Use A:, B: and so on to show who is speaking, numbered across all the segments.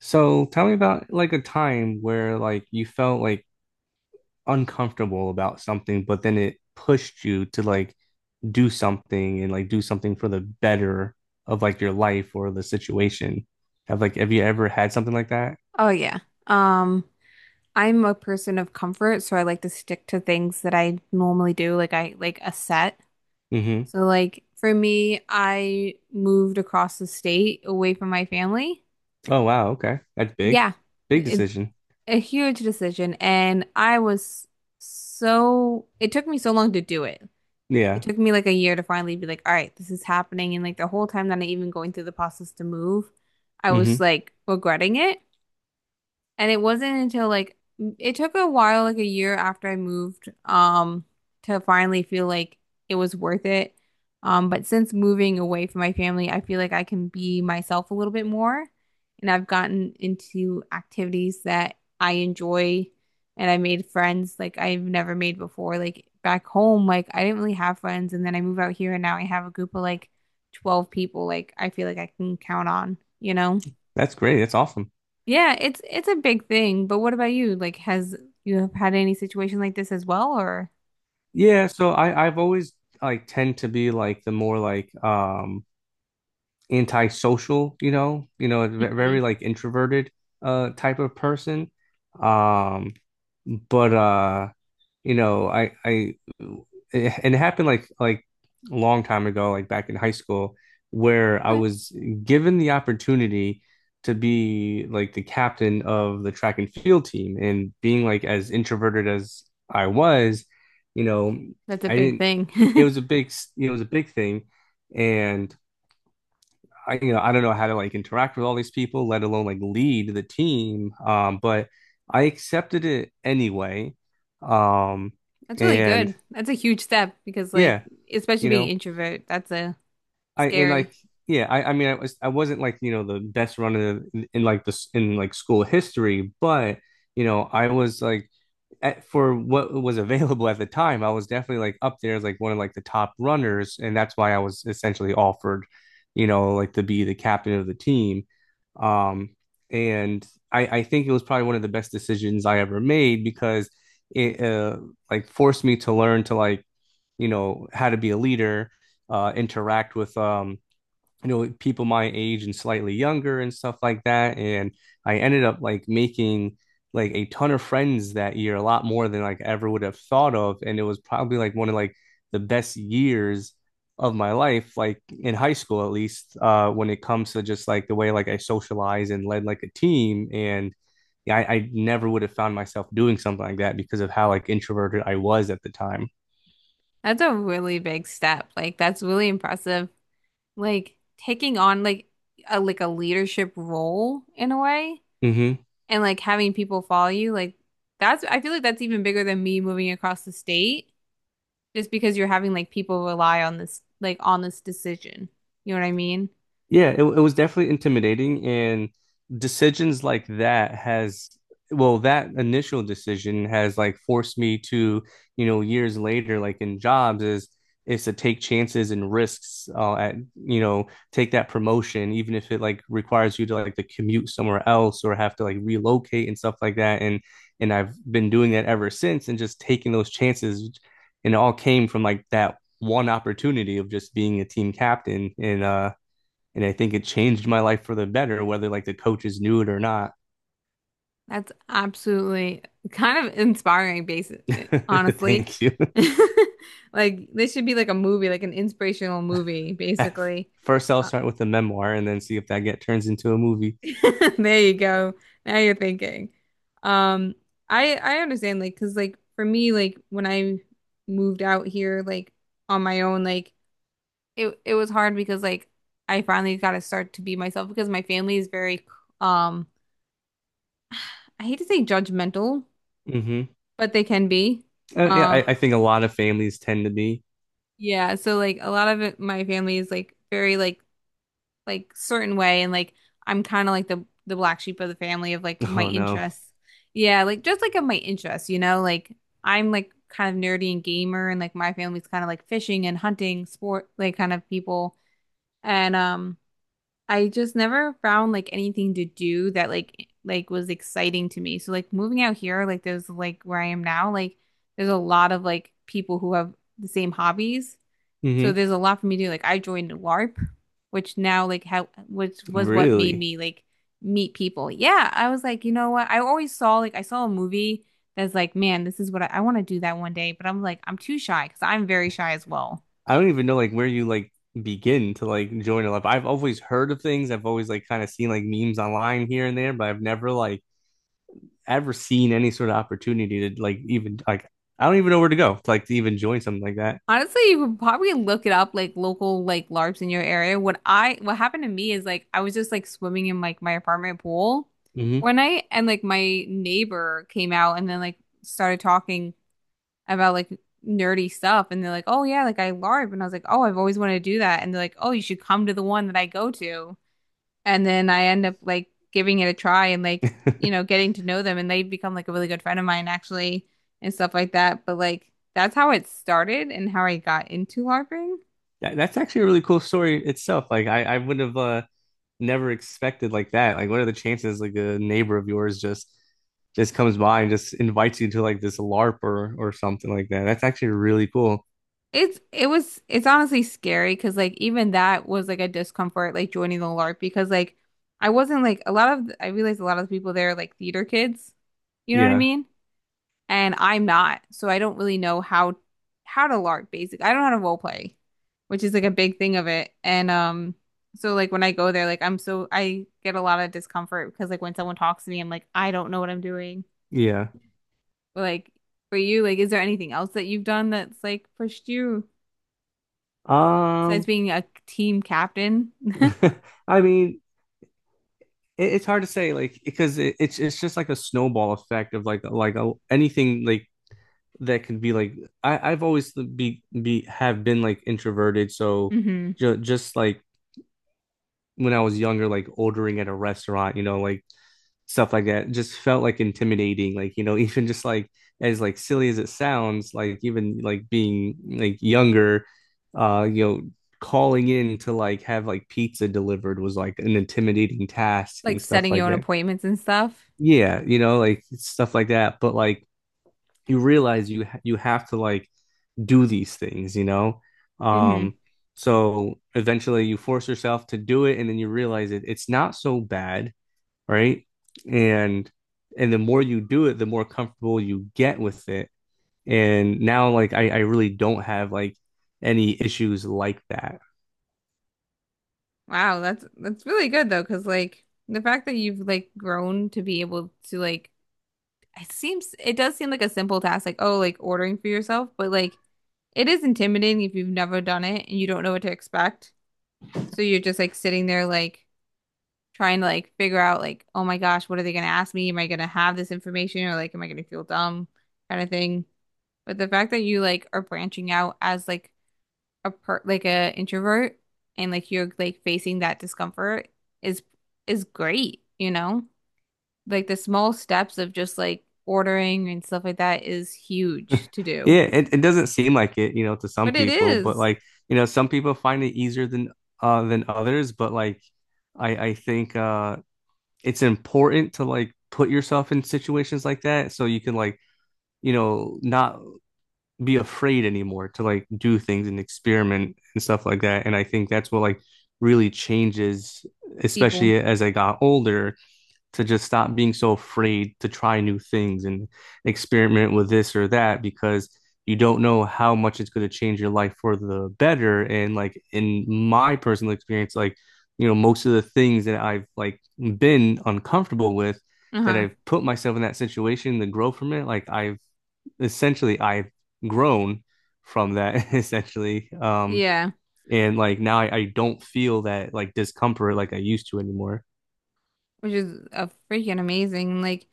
A: So tell me about, like, a time where, like, you felt like uncomfortable about something, but then it pushed you to, like, do something and, like, do something for the better of, like, your life or the situation. Have like have you ever had something like that?
B: Oh yeah. Um, I'm a person of comfort, so I like to stick to things that I normally do, like I like a set.
A: Hmm.
B: So like for me, I moved across the state away from my family.
A: Oh wow, okay. That's big.
B: Yeah,
A: Big
B: it,
A: decision.
B: a huge decision, and I was so it took me so long to do it. It
A: Yeah.
B: took me like a year to finally be like, all right, this is happening, and like the whole time that I even going through the process to move, I was
A: Hmm.
B: like regretting it. And it wasn't until like it took a while, like a year after I moved, to finally feel like it was worth it. But since moving away from my family, I feel like I can be myself a little bit more. And I've gotten into activities that I enjoy and I made friends like I've never made before. Like back home, like I didn't really have friends. And then I move out here and now I have a group of like 12 people like I feel like I can count on, you know?
A: That's great. That's awesome.
B: Yeah, it's a big thing, but what about you? Like, has you have had any situation like this as well, or?
A: Yeah, so I've always like tend to be like the more like antisocial,
B: Mhm.
A: very like introverted type of person. Um, but you know, I it, and it happened like a long time ago, like back in high school, where I
B: Okay.
A: was given the opportunity to be like the captain of the track and field team, and being like as introverted as I was, you know,
B: That's a
A: I
B: big
A: didn't.
B: thing.
A: It was a big, you know, it was a big thing, and I, you know, I don't know how to like interact with all these people, let alone like lead the team. But I accepted it anyway. Um,
B: That's really
A: and
B: good. That's a huge step because like
A: yeah,
B: especially
A: you
B: being
A: know,
B: introvert, that's a
A: I and like
B: scary.
A: Yeah, I mean, I wasn't like you know the best runner in like this in like school history, but you know, I was like at, for what was available at the time, I was definitely like up there as like one of like the top runners, and that's why I was essentially offered, you know, like to be the captain of the team. Um, and I think it was probably one of the best decisions I ever made because it like forced me to learn to like you know how to be a leader, interact with you know people my age and slightly younger and stuff like that, and I ended up like making like a ton of friends that year, a lot more than like I ever would have thought of, and it was probably like one of like the best years of my life, like in high school at least, when it comes to just like the way like I socialize and led like a team. And yeah, I never would have found myself doing something like that because of how like introverted I was at the time.
B: That's a really big step. Like that's really impressive. Like taking on like a leadership role in a way
A: Hmm.
B: and like having people follow you, like that's I feel like that's even bigger than me moving across the state. Just because you're having like people rely on this like on this decision. You know what I mean?
A: Yeah, it was definitely intimidating, and decisions like that has well that initial decision has like forced me to, you know, years later like in jobs is to take chances and risks, at you know take that promotion, even if it like requires you to commute somewhere else or have to like relocate and stuff like that. And I've been doing that ever since and just taking those chances, and it all came from like that one opportunity of just being a team captain. And I think it changed my life for the better, whether like the coaches knew it or not.
B: That's absolutely kind of inspiring basis, honestly.
A: Thank you.
B: Like this should be like a movie, like an inspirational movie, basically.
A: First, I'll
B: Uh,
A: start with the memoir and then see if that get turns into a movie.
B: there you go. Now you're thinking. Um, I understand, like, cause like for me, like when I moved out here, like on my own, like it was hard because like I finally got to start to be myself because my family is very um I hate to say judgmental,
A: Hmm.
B: but they can be.
A: Yeah,
B: Um
A: I think a lot of families tend to be.
B: yeah, so like a lot of it my family is like very like certain way and like I'm kind of like the black sheep of the family of like my
A: Oh no.
B: interests. Yeah, like just like of my interests, you know, like I'm like kind of nerdy and gamer and like my family's kind of like fishing and hunting sport like kind of people. And I just never found like anything to do that like was exciting to me. So like moving out here, like there's like where I am now, like there's a lot of like people who have the same hobbies. So
A: Hmm.
B: there's a lot for me to do. Like I joined LARP, which now like how which was what made
A: Really?
B: me like meet people. Yeah, I was like, you know what? I always saw like I saw a movie that's like, man, this is what I want to do that one day. But I'm like, I'm too shy because I'm very shy as well.
A: I don't even know like where you like begin to like join a life. I've always heard of things. I've always like kind of seen like memes online here and there, but I've never like ever seen any sort of opportunity to like even like I don't even know where to go to like to even join something like that.
B: Honestly, you could probably look it up, like local like LARPs in your area. What happened to me is like I was just like swimming in like my apartment pool
A: Hmm.
B: one night, and like my neighbor came out and then like started talking about like nerdy stuff, and they're like, "Oh yeah, like I LARP," and I was like, "Oh, I've always wanted to do that," and they're like, "Oh, you should come to the one that I go to." And then I end up like giving it a try and like you know getting to know them and they become like a really good friend of mine actually and stuff like that but like that's how it started and how I got into LARPing.
A: That's actually a really cool story itself. Like I would have never expected like that. Like what are the chances like a neighbor of yours just comes by and just invites you to like this LARP or something like that. That's actually really cool.
B: It's it was it's honestly scary because like even that was like a discomfort like joining the LARP because like I wasn't like a lot of I realized a lot of the people there are like theater kids, you know what I
A: Yeah.
B: mean, and I'm not, so I don't really know how to LARP basic. I don't know how to role play, which is like a big thing of it. And so like when I go there, like I get a lot of discomfort because like when someone talks to me, I'm like I don't know what I'm doing.
A: Yeah.
B: But like for you, like is there anything else that you've done that's like pushed you besides
A: Um.
B: being a team captain?
A: I mean, it's hard to say, like because it's just like a snowball effect of like anything like that can be like I I've always be have been like introverted, so
B: hmm
A: ju just like when I was younger, like ordering at a restaurant, you know, like stuff like that just felt like intimidating, like you know, even just like as like silly as it sounds, like even like being like younger, you know, calling in to like have like pizza delivered was like an intimidating task
B: Like
A: and stuff
B: setting your
A: like
B: own
A: that.
B: appointments and stuff.
A: Yeah, you know, like stuff like that, but like you realize you have to like do these things, you know.
B: Hmm
A: Um so eventually you force yourself to do it, and then you realize it's not so bad, right? And the more you do it, the more comfortable you get with it. And now, like, I really don't have like any issues like that.
B: Wow, that's really good though, because like the fact that you've like grown to be able to like it seems it does seem like a simple task, like oh, like ordering for yourself, but like it is intimidating if you've never done it and you don't know what to expect. So you're just like sitting there like trying to like figure out like, oh my gosh, what are they gonna ask me? Am I gonna have this information or like am I gonna feel dumb kind of thing. But the fact that you like are branching out as like a introvert and like you're like facing that discomfort is is great, you know? Like the small steps of just like ordering and stuff like that is huge to do.
A: Yeah, it doesn't seem like it, you know, to some
B: But it
A: people, but
B: is,
A: like, you know, some people find it easier than others, but like I think it's important to like put yourself in situations like that so you can like, you know, not be afraid anymore to like do things and experiment and stuff like that. And I think that's what like really changes,
B: people.
A: especially as I got older, to just stop being so afraid to try new things and experiment with this or that, because you don't know how much it's going to change your life for the better. And like in my personal experience, like, you know, most of the things that I've like been uncomfortable with, that
B: Uh-huh.
A: I've put myself in that situation to grow from it, like I've grown from that essentially. Um,
B: Yeah.
A: and like now I don't feel that like discomfort like I used to anymore.
B: Which is a freaking amazing.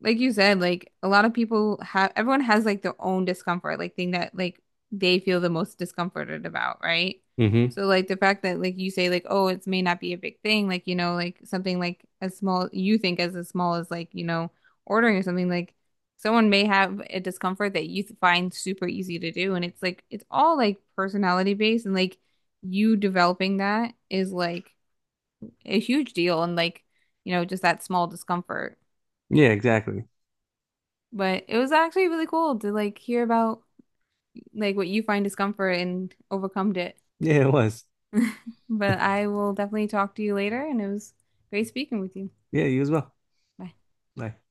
B: Like you said, like a lot of people have, everyone has like their own discomfort, like thing that like they feel the most discomforted about, right?
A: Hmm.
B: So like the fact that like you say like, oh, it may not be a big thing, like you know, like something like as small you think as small as like you know ordering or something like someone may have a discomfort that you find super easy to do, and it's like it's all like personality based, and like you developing that is like a huge deal and like, you know, just that small discomfort.
A: Yeah, exactly.
B: But it was actually really cool to like hear about like what you find discomfort and overcome it.
A: Yeah, it was.
B: But I will definitely talk to you later and it was great speaking with you.
A: Yeah, you as well.
B: Bye.
A: Bye.